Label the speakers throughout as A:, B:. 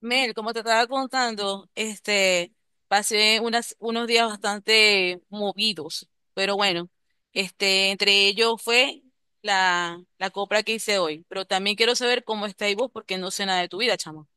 A: Mel, como te estaba contando, pasé unos días bastante movidos, pero bueno, entre ellos fue la compra que hice hoy, pero también quiero saber cómo estáis vos porque no sé nada de tu vida, chamo.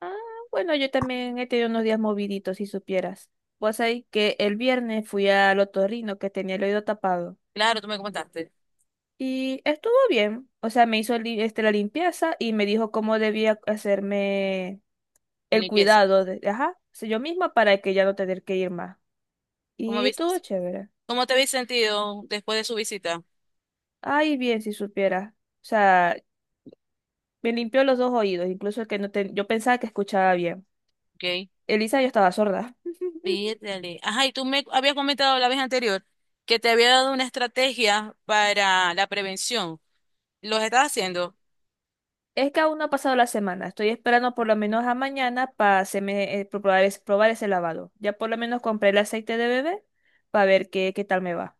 B: Ah, bueno, yo también he tenido unos días moviditos, si supieras. Pues ahí que el viernes fui al otorrino que tenía el oído tapado
A: Claro, tú me comentaste,
B: y estuvo bien. O sea, me hizo la limpieza y me dijo cómo debía hacerme
A: la
B: el
A: limpieza.
B: cuidado de, ajá, o sea, yo misma para que ya no tener que ir más.
A: ¿Cómo
B: Y
A: ves,
B: estuvo chévere.
A: ¿Cómo te habéis sentido después de su visita?
B: Ay, bien, si supieras. O sea, me limpió los dos oídos, incluso el que no yo pensaba que escuchaba bien.
A: Ok.
B: Elisa, yo estaba sorda.
A: Pídele. Ajá, y tú me habías comentado la vez anterior que te había dado una estrategia para la prevención. ¿Los estás haciendo?
B: Es que aún no ha pasado la semana. Estoy esperando por lo menos a mañana para probar ese lavado. Ya por lo menos compré el aceite de bebé para ver qué tal me va.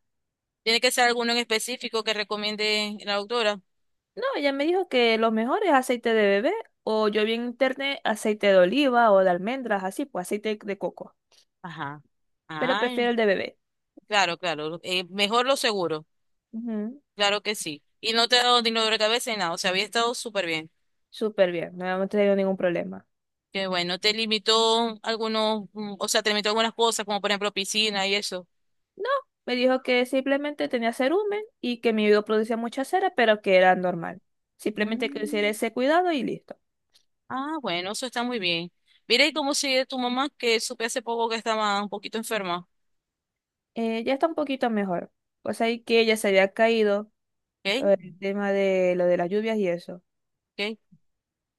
A: Tiene que ser alguno en específico que recomiende la doctora.
B: No, ella me dijo que lo mejor es aceite de bebé o yo vi en internet aceite de oliva o de almendras, así, pues aceite de coco.
A: Ajá.
B: Pero
A: Ay,
B: prefiero el de bebé.
A: claro, claro. Mejor lo seguro.
B: Ujú.
A: Claro que sí. Y no te ha dado ni dolor de cabeza ni nada. O sea, había estado súper bien.
B: Súper bien, no hemos tenido ningún problema.
A: Que bueno, te limitó o sea, te limitó algunas cosas, como por ejemplo piscina y eso.
B: No, me dijo que simplemente tenía cerumen y que mi oído producía mucha cera, pero que era normal. Simplemente que hiciera
A: Mm.
B: ese cuidado y listo.
A: Ah, bueno, eso está muy bien. Mira, ¿y cómo sigue tu mamá? Que supe hace poco que estaba un poquito enferma.
B: Ya está un poquito mejor. Pues ahí que ella se había caído,
A: ¿Ok?
B: el tema de lo de las lluvias y eso.
A: ¿Ok?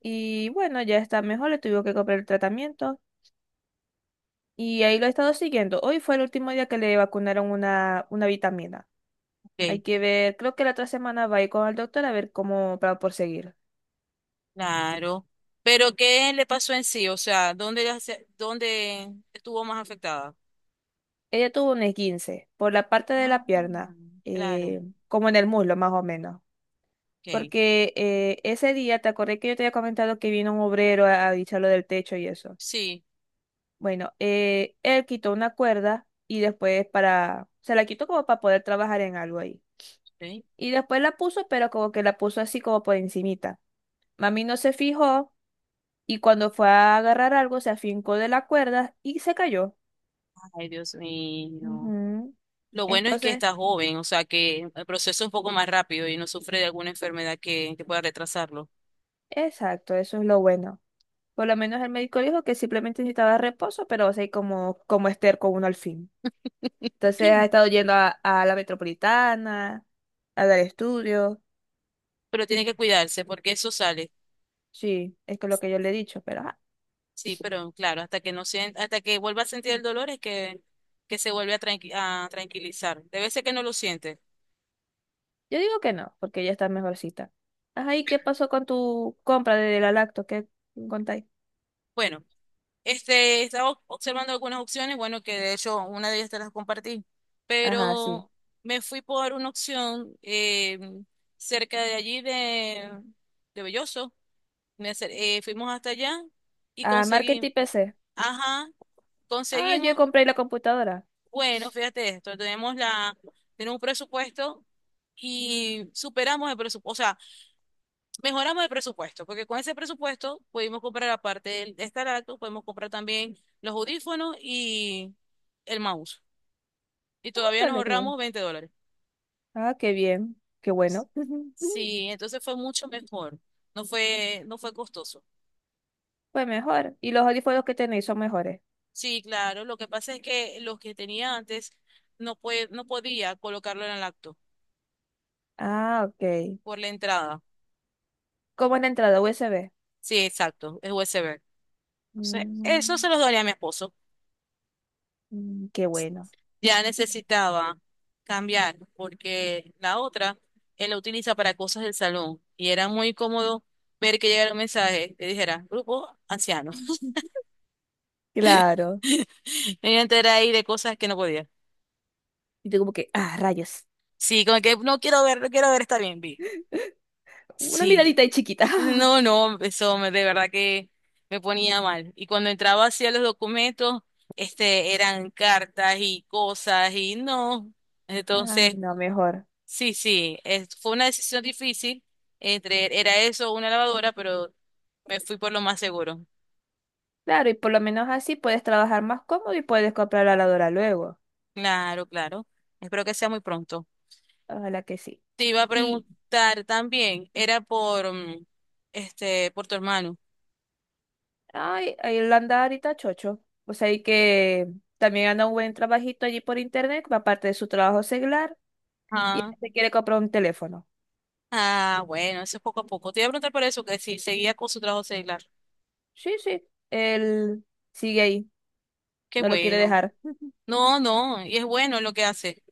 B: Y bueno, ya está mejor, le tuvo que comprar el tratamiento y ahí lo he estado siguiendo. Hoy fue el último día que le vacunaron una vitamina. Hay
A: ¿Ok?
B: que ver, creo que la otra semana va a ir con el doctor a ver cómo para proseguir.
A: Claro. Pero ¿qué le pasó en sí? O sea, ¿dónde, dónde estuvo más afectada?
B: Ella tuvo un esguince por la parte de
A: Ah,
B: la pierna,
A: claro.
B: eh, como en el muslo más o menos.
A: Ok.
B: Porque ese día, te acordé que yo te había comentado que vino un obrero a echarlo del techo y eso.
A: Sí.
B: Bueno, él quitó una cuerda y después se la quitó como para poder trabajar en algo ahí.
A: Sí.
B: Y después la puso, pero como que la puso así como por encimita. Mami no se fijó y cuando fue a agarrar algo se afincó de la cuerda y se cayó.
A: Ay, Dios mío.
B: Ujú.
A: Lo bueno es que
B: Entonces,
A: está joven, o sea, que el proceso es un poco más rápido y no sufre de alguna enfermedad que pueda retrasarlo.
B: exacto, eso es lo bueno. Por lo menos el médico dijo que simplemente necesitaba reposo, pero o sea, como Esther con uno al fin. Entonces ha estado yendo a la metropolitana, a dar estudios.
A: Pero tiene que cuidarse porque eso sale.
B: Sí, es que lo que yo le he dicho, pero... ajá.
A: Sí, pero claro, hasta que no sien- hasta que vuelva a sentir el dolor es que se vuelve a tranquilizar. Debe ser que no lo siente.
B: Yo digo que no, porque ya está mejorcita. Ajá, ¿y qué pasó con tu compra de la lacto? ¿Qué contáis?
A: Bueno. Estaba observando algunas opciones, bueno, que de hecho una de ellas te las compartí,
B: Ajá, sí.
A: pero me fui por una opción cerca de allí de Belloso. Fuimos hasta allá y
B: Ah, marketing PC.
A: ajá,
B: Ah, yo
A: conseguimos,
B: compré la computadora.
A: bueno, fíjate esto, tenemos un presupuesto y superamos el presupuesto. Mejoramos el presupuesto, porque con ese presupuesto pudimos comprar, aparte de esta laptop, podemos comprar también los audífonos y el mouse. Y todavía nos
B: Ándale, qué bien.
A: ahorramos $20.
B: Ah, qué bien. Qué bueno.
A: Sí, entonces fue mucho mejor. No fue costoso.
B: Pues mejor. ¿Y los audífonos que tenéis son mejores?
A: Sí, claro. Lo que pasa es que los que tenía antes no podía colocarlo en el acto
B: Ah, ok.
A: por la entrada.
B: ¿Cómo es la entrada USB?
A: Sí, exacto. Es USB. Entonces, eso
B: Mm,
A: se los daría a mi esposo.
B: mm, qué bueno.
A: Ya necesitaba cambiar porque la otra él la utiliza para cosas del salón y era muy cómodo ver que llegara un mensaje que dijera grupo anciano.
B: Claro.
A: Me iba a enterar ahí de cosas que no podía.
B: Y tú como que, ah, rayos.
A: Sí, como que no quiero ver, no quiero ver, está bien, vi.
B: Una
A: Sí,
B: miradita ahí chiquita.
A: no, no, de verdad que me ponía mal. Y cuando entraba hacia los documentos, eran cartas y cosas y no.
B: Ah,
A: Entonces,
B: no, mejor.
A: sí, sí, fue una decisión difícil entre, era eso o una lavadora, pero me fui por lo más seguro.
B: Claro, y por lo menos así puedes trabajar más cómodo y puedes comprar la lavadora luego.
A: Claro, claro. Espero que sea muy pronto.
B: Ojalá que sí.
A: Te iba a
B: Y,
A: preguntar también, era este, por tu hermano.
B: ay, ahí lo anda ahorita chocho. O sea, y que también anda un buen trabajito allí por internet, aparte de su trabajo seglar, y él
A: Ah,
B: se quiere comprar un teléfono.
A: ah, bueno, eso es poco a poco. Te iba a preguntar por eso, que si seguía con su trabajo seglar.
B: Sí, sí, él sigue ahí,
A: Qué
B: no lo quiere
A: bueno.
B: dejar.
A: No, no, y es bueno lo que hace.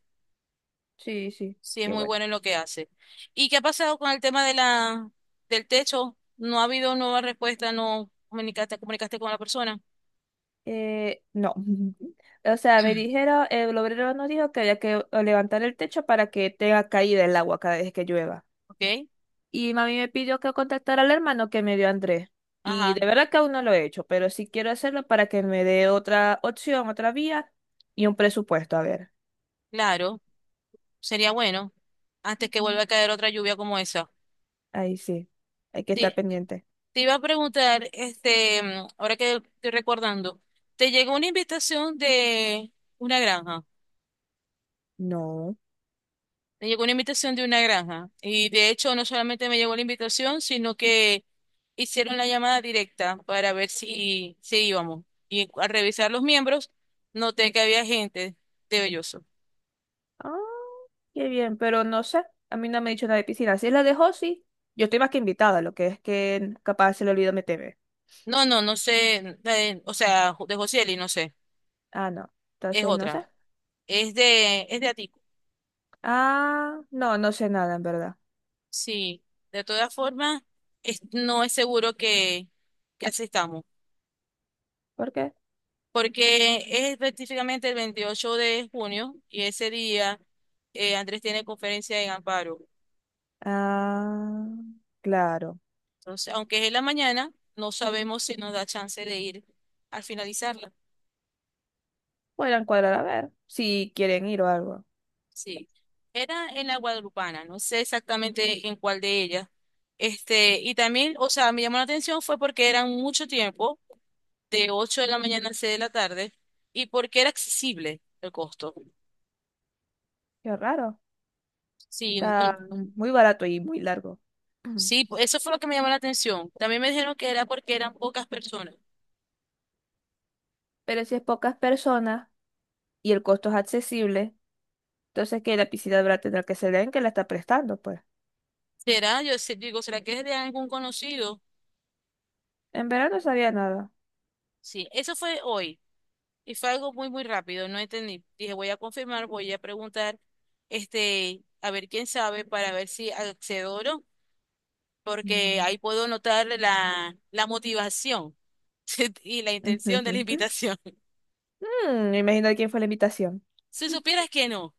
B: Sí, sí,
A: Sí, es
B: qué
A: muy
B: bueno.
A: bueno en lo que hace. ¿Y qué ha pasado con el tema de del techo? No ha habido nueva respuesta, no comunicaste, comunicaste con la persona.
B: No. O sea, me dijeron, el obrero nos dijo que había que levantar el techo para que tenga caída el agua cada vez que llueva.
A: Ok,
B: Y mami me pidió que contactara al hermano que me dio Andrés. Y
A: ajá,
B: de verdad que aún no lo he hecho, pero sí quiero hacerlo para que me dé otra opción, otra vía y un presupuesto. A ver,
A: claro, sería bueno antes que
B: ujú,
A: vuelva a caer otra lluvia como esa.
B: ahí sí, hay que estar
A: Te,
B: pendiente.
A: te iba a preguntar, ahora que estoy recordando, ¿te llegó una invitación de una granja?
B: No.
A: Me llegó una invitación de una granja y de hecho no solamente me llegó la invitación, sino que hicieron la llamada directa para ver si íbamos. Y al revisar los miembros, noté que había gente de Belloso.
B: Ah, qué bien, pero no sé. A mí no me ha dicho nada de piscina. Si es la dejó, sí. Yo estoy más que invitada, lo que es que capaz se le olvidó meterme.
A: No, no, no sé, o sea, de Josieli, no sé,
B: Ah, no.
A: es
B: Entonces, no
A: otra.
B: sé.
A: Es de Atico.
B: Ah, no, no sé nada, en verdad.
A: Sí, de todas formas, no es seguro que asistamos.
B: ¿Por qué?
A: Porque es específicamente el 28 de junio y ese día Andrés tiene conferencia en Amparo.
B: Ah, claro.
A: Entonces, aunque es en la mañana, no sabemos si nos da chance de ir al finalizarla.
B: Podrían cuadrar a ver si quieren ir o algo.
A: Sí, era en la Guadalupana, no sé exactamente en cuál de ellas. Este, y también, o sea, me llamó la atención fue porque eran mucho tiempo, de 8 de la mañana a 6 de la tarde, y porque era accesible el costo.
B: Qué raro.
A: Sí, no.
B: Está muy barato y muy largo. Ujú.
A: Eso fue lo que me llamó la atención. También me dijeron que era porque eran pocas personas.
B: Pero si es pocas personas y el costo es accesible, entonces que la piscina habrá tendrá que ser de que la está prestando, pues.
A: ¿Será? Digo, ¿será que es de algún conocido?
B: En verano sabía nada.
A: Sí, eso fue hoy y fue algo muy, muy rápido, no entendí. Dije, voy a confirmar, voy a preguntar, este, a ver quién sabe para ver si accedo o no, porque ahí
B: Mm.
A: puedo notar la motivación y la intención de la invitación.
B: Mm, imagina quién fue la invitación.
A: Si supieras que no,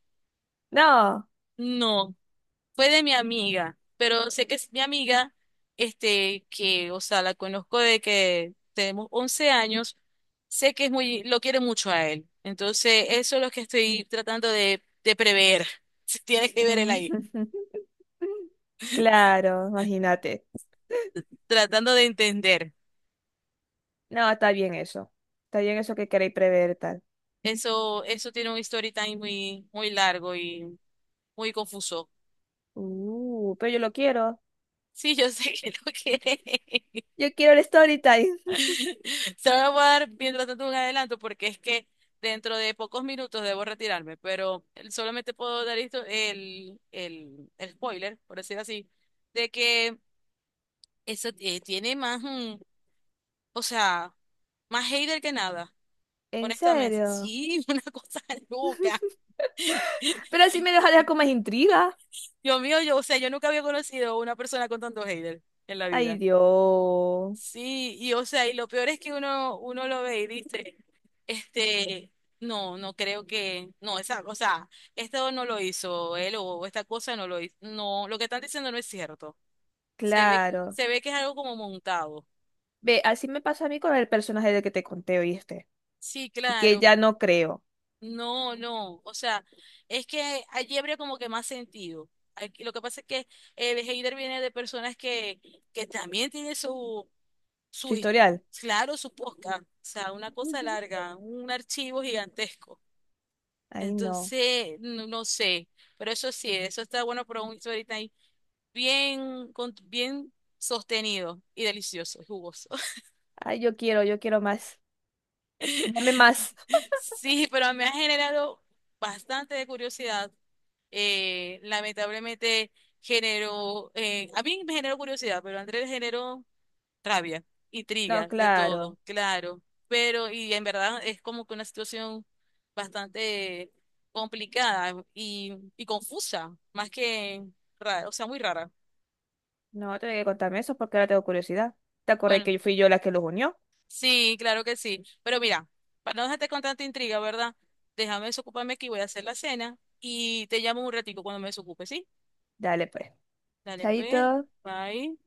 B: No.
A: no. Fue de mi amiga, pero sé que es mi amiga, o sea, la conozco de que tenemos 11 años, sé que es muy, lo quiere mucho a él. Entonces, eso es lo que estoy tratando de prever. Tiene que ver él
B: Mm.
A: ahí,
B: Claro, imagínate.
A: tratando de entender.
B: No, está bien eso. Está bien eso que queréis prever tal.
A: Eso tiene un story time muy, muy largo y muy confuso.
B: Pero yo lo quiero.
A: Sí, yo sé que lo quiere.
B: Yo quiero el story time.
A: Solo voy a dar mientras tanto un adelanto porque es que dentro de pocos minutos debo retirarme, pero solamente puedo dar esto el spoiler, por decir así, de que eso tiene más, o sea, más hater que nada,
B: ¿En
A: honestamente.
B: serio?
A: Sí, una cosa loca.
B: Pero así me deja con más intriga.
A: Dios mío, yo, o sea, yo nunca había conocido una persona con tanto hater en la
B: Ay,
A: vida.
B: Dios.
A: Sí, y o sea, y lo peor es que uno lo ve y dice, este, no, no creo que, no, o sea, esto no lo hizo él o esta cosa no lo hizo, no, lo que están diciendo no es cierto. Se ve,
B: Claro.
A: se ve que es algo como montado.
B: Ve, así me pasa a mí con el personaje del que te conté, ¿oíste?
A: Sí,
B: Y que
A: claro,
B: ya no creo.
A: no, no, o sea, es que allí habría como que más sentido. Lo que pasa es que el hater viene de personas que también tienen sus
B: Su
A: su, his-
B: historial.
A: claro, su podcast, o sea, una cosa larga, un archivo gigantesco.
B: Ay, no.
A: Entonces, no, no sé, pero eso sí, eso está bueno para un ahorita ahí, bien, bien sostenido y delicioso, y jugoso.
B: Ay, yo quiero más. Dame más.
A: Sí, pero me ha generado bastante de curiosidad. Eh, lamentablemente a mí me generó curiosidad, pero a Andrés le generó rabia,
B: No,
A: intriga, de
B: claro.
A: todo, claro. Pero, y en verdad es como que una situación bastante complicada y confusa, más que rara, o sea, muy rara.
B: No, tengo que contarme eso porque ahora tengo curiosidad. ¿Te acordé
A: Bueno,
B: que fui yo la que los unió?
A: sí, claro que sí. Pero mira, para no dejarte con tanta intriga, ¿verdad? Déjame desocuparme aquí, voy a hacer la cena y te llamo un ratico cuando me desocupe, ¿sí?
B: Dale, pues.
A: Dale, pues,
B: Chaito.
A: bye.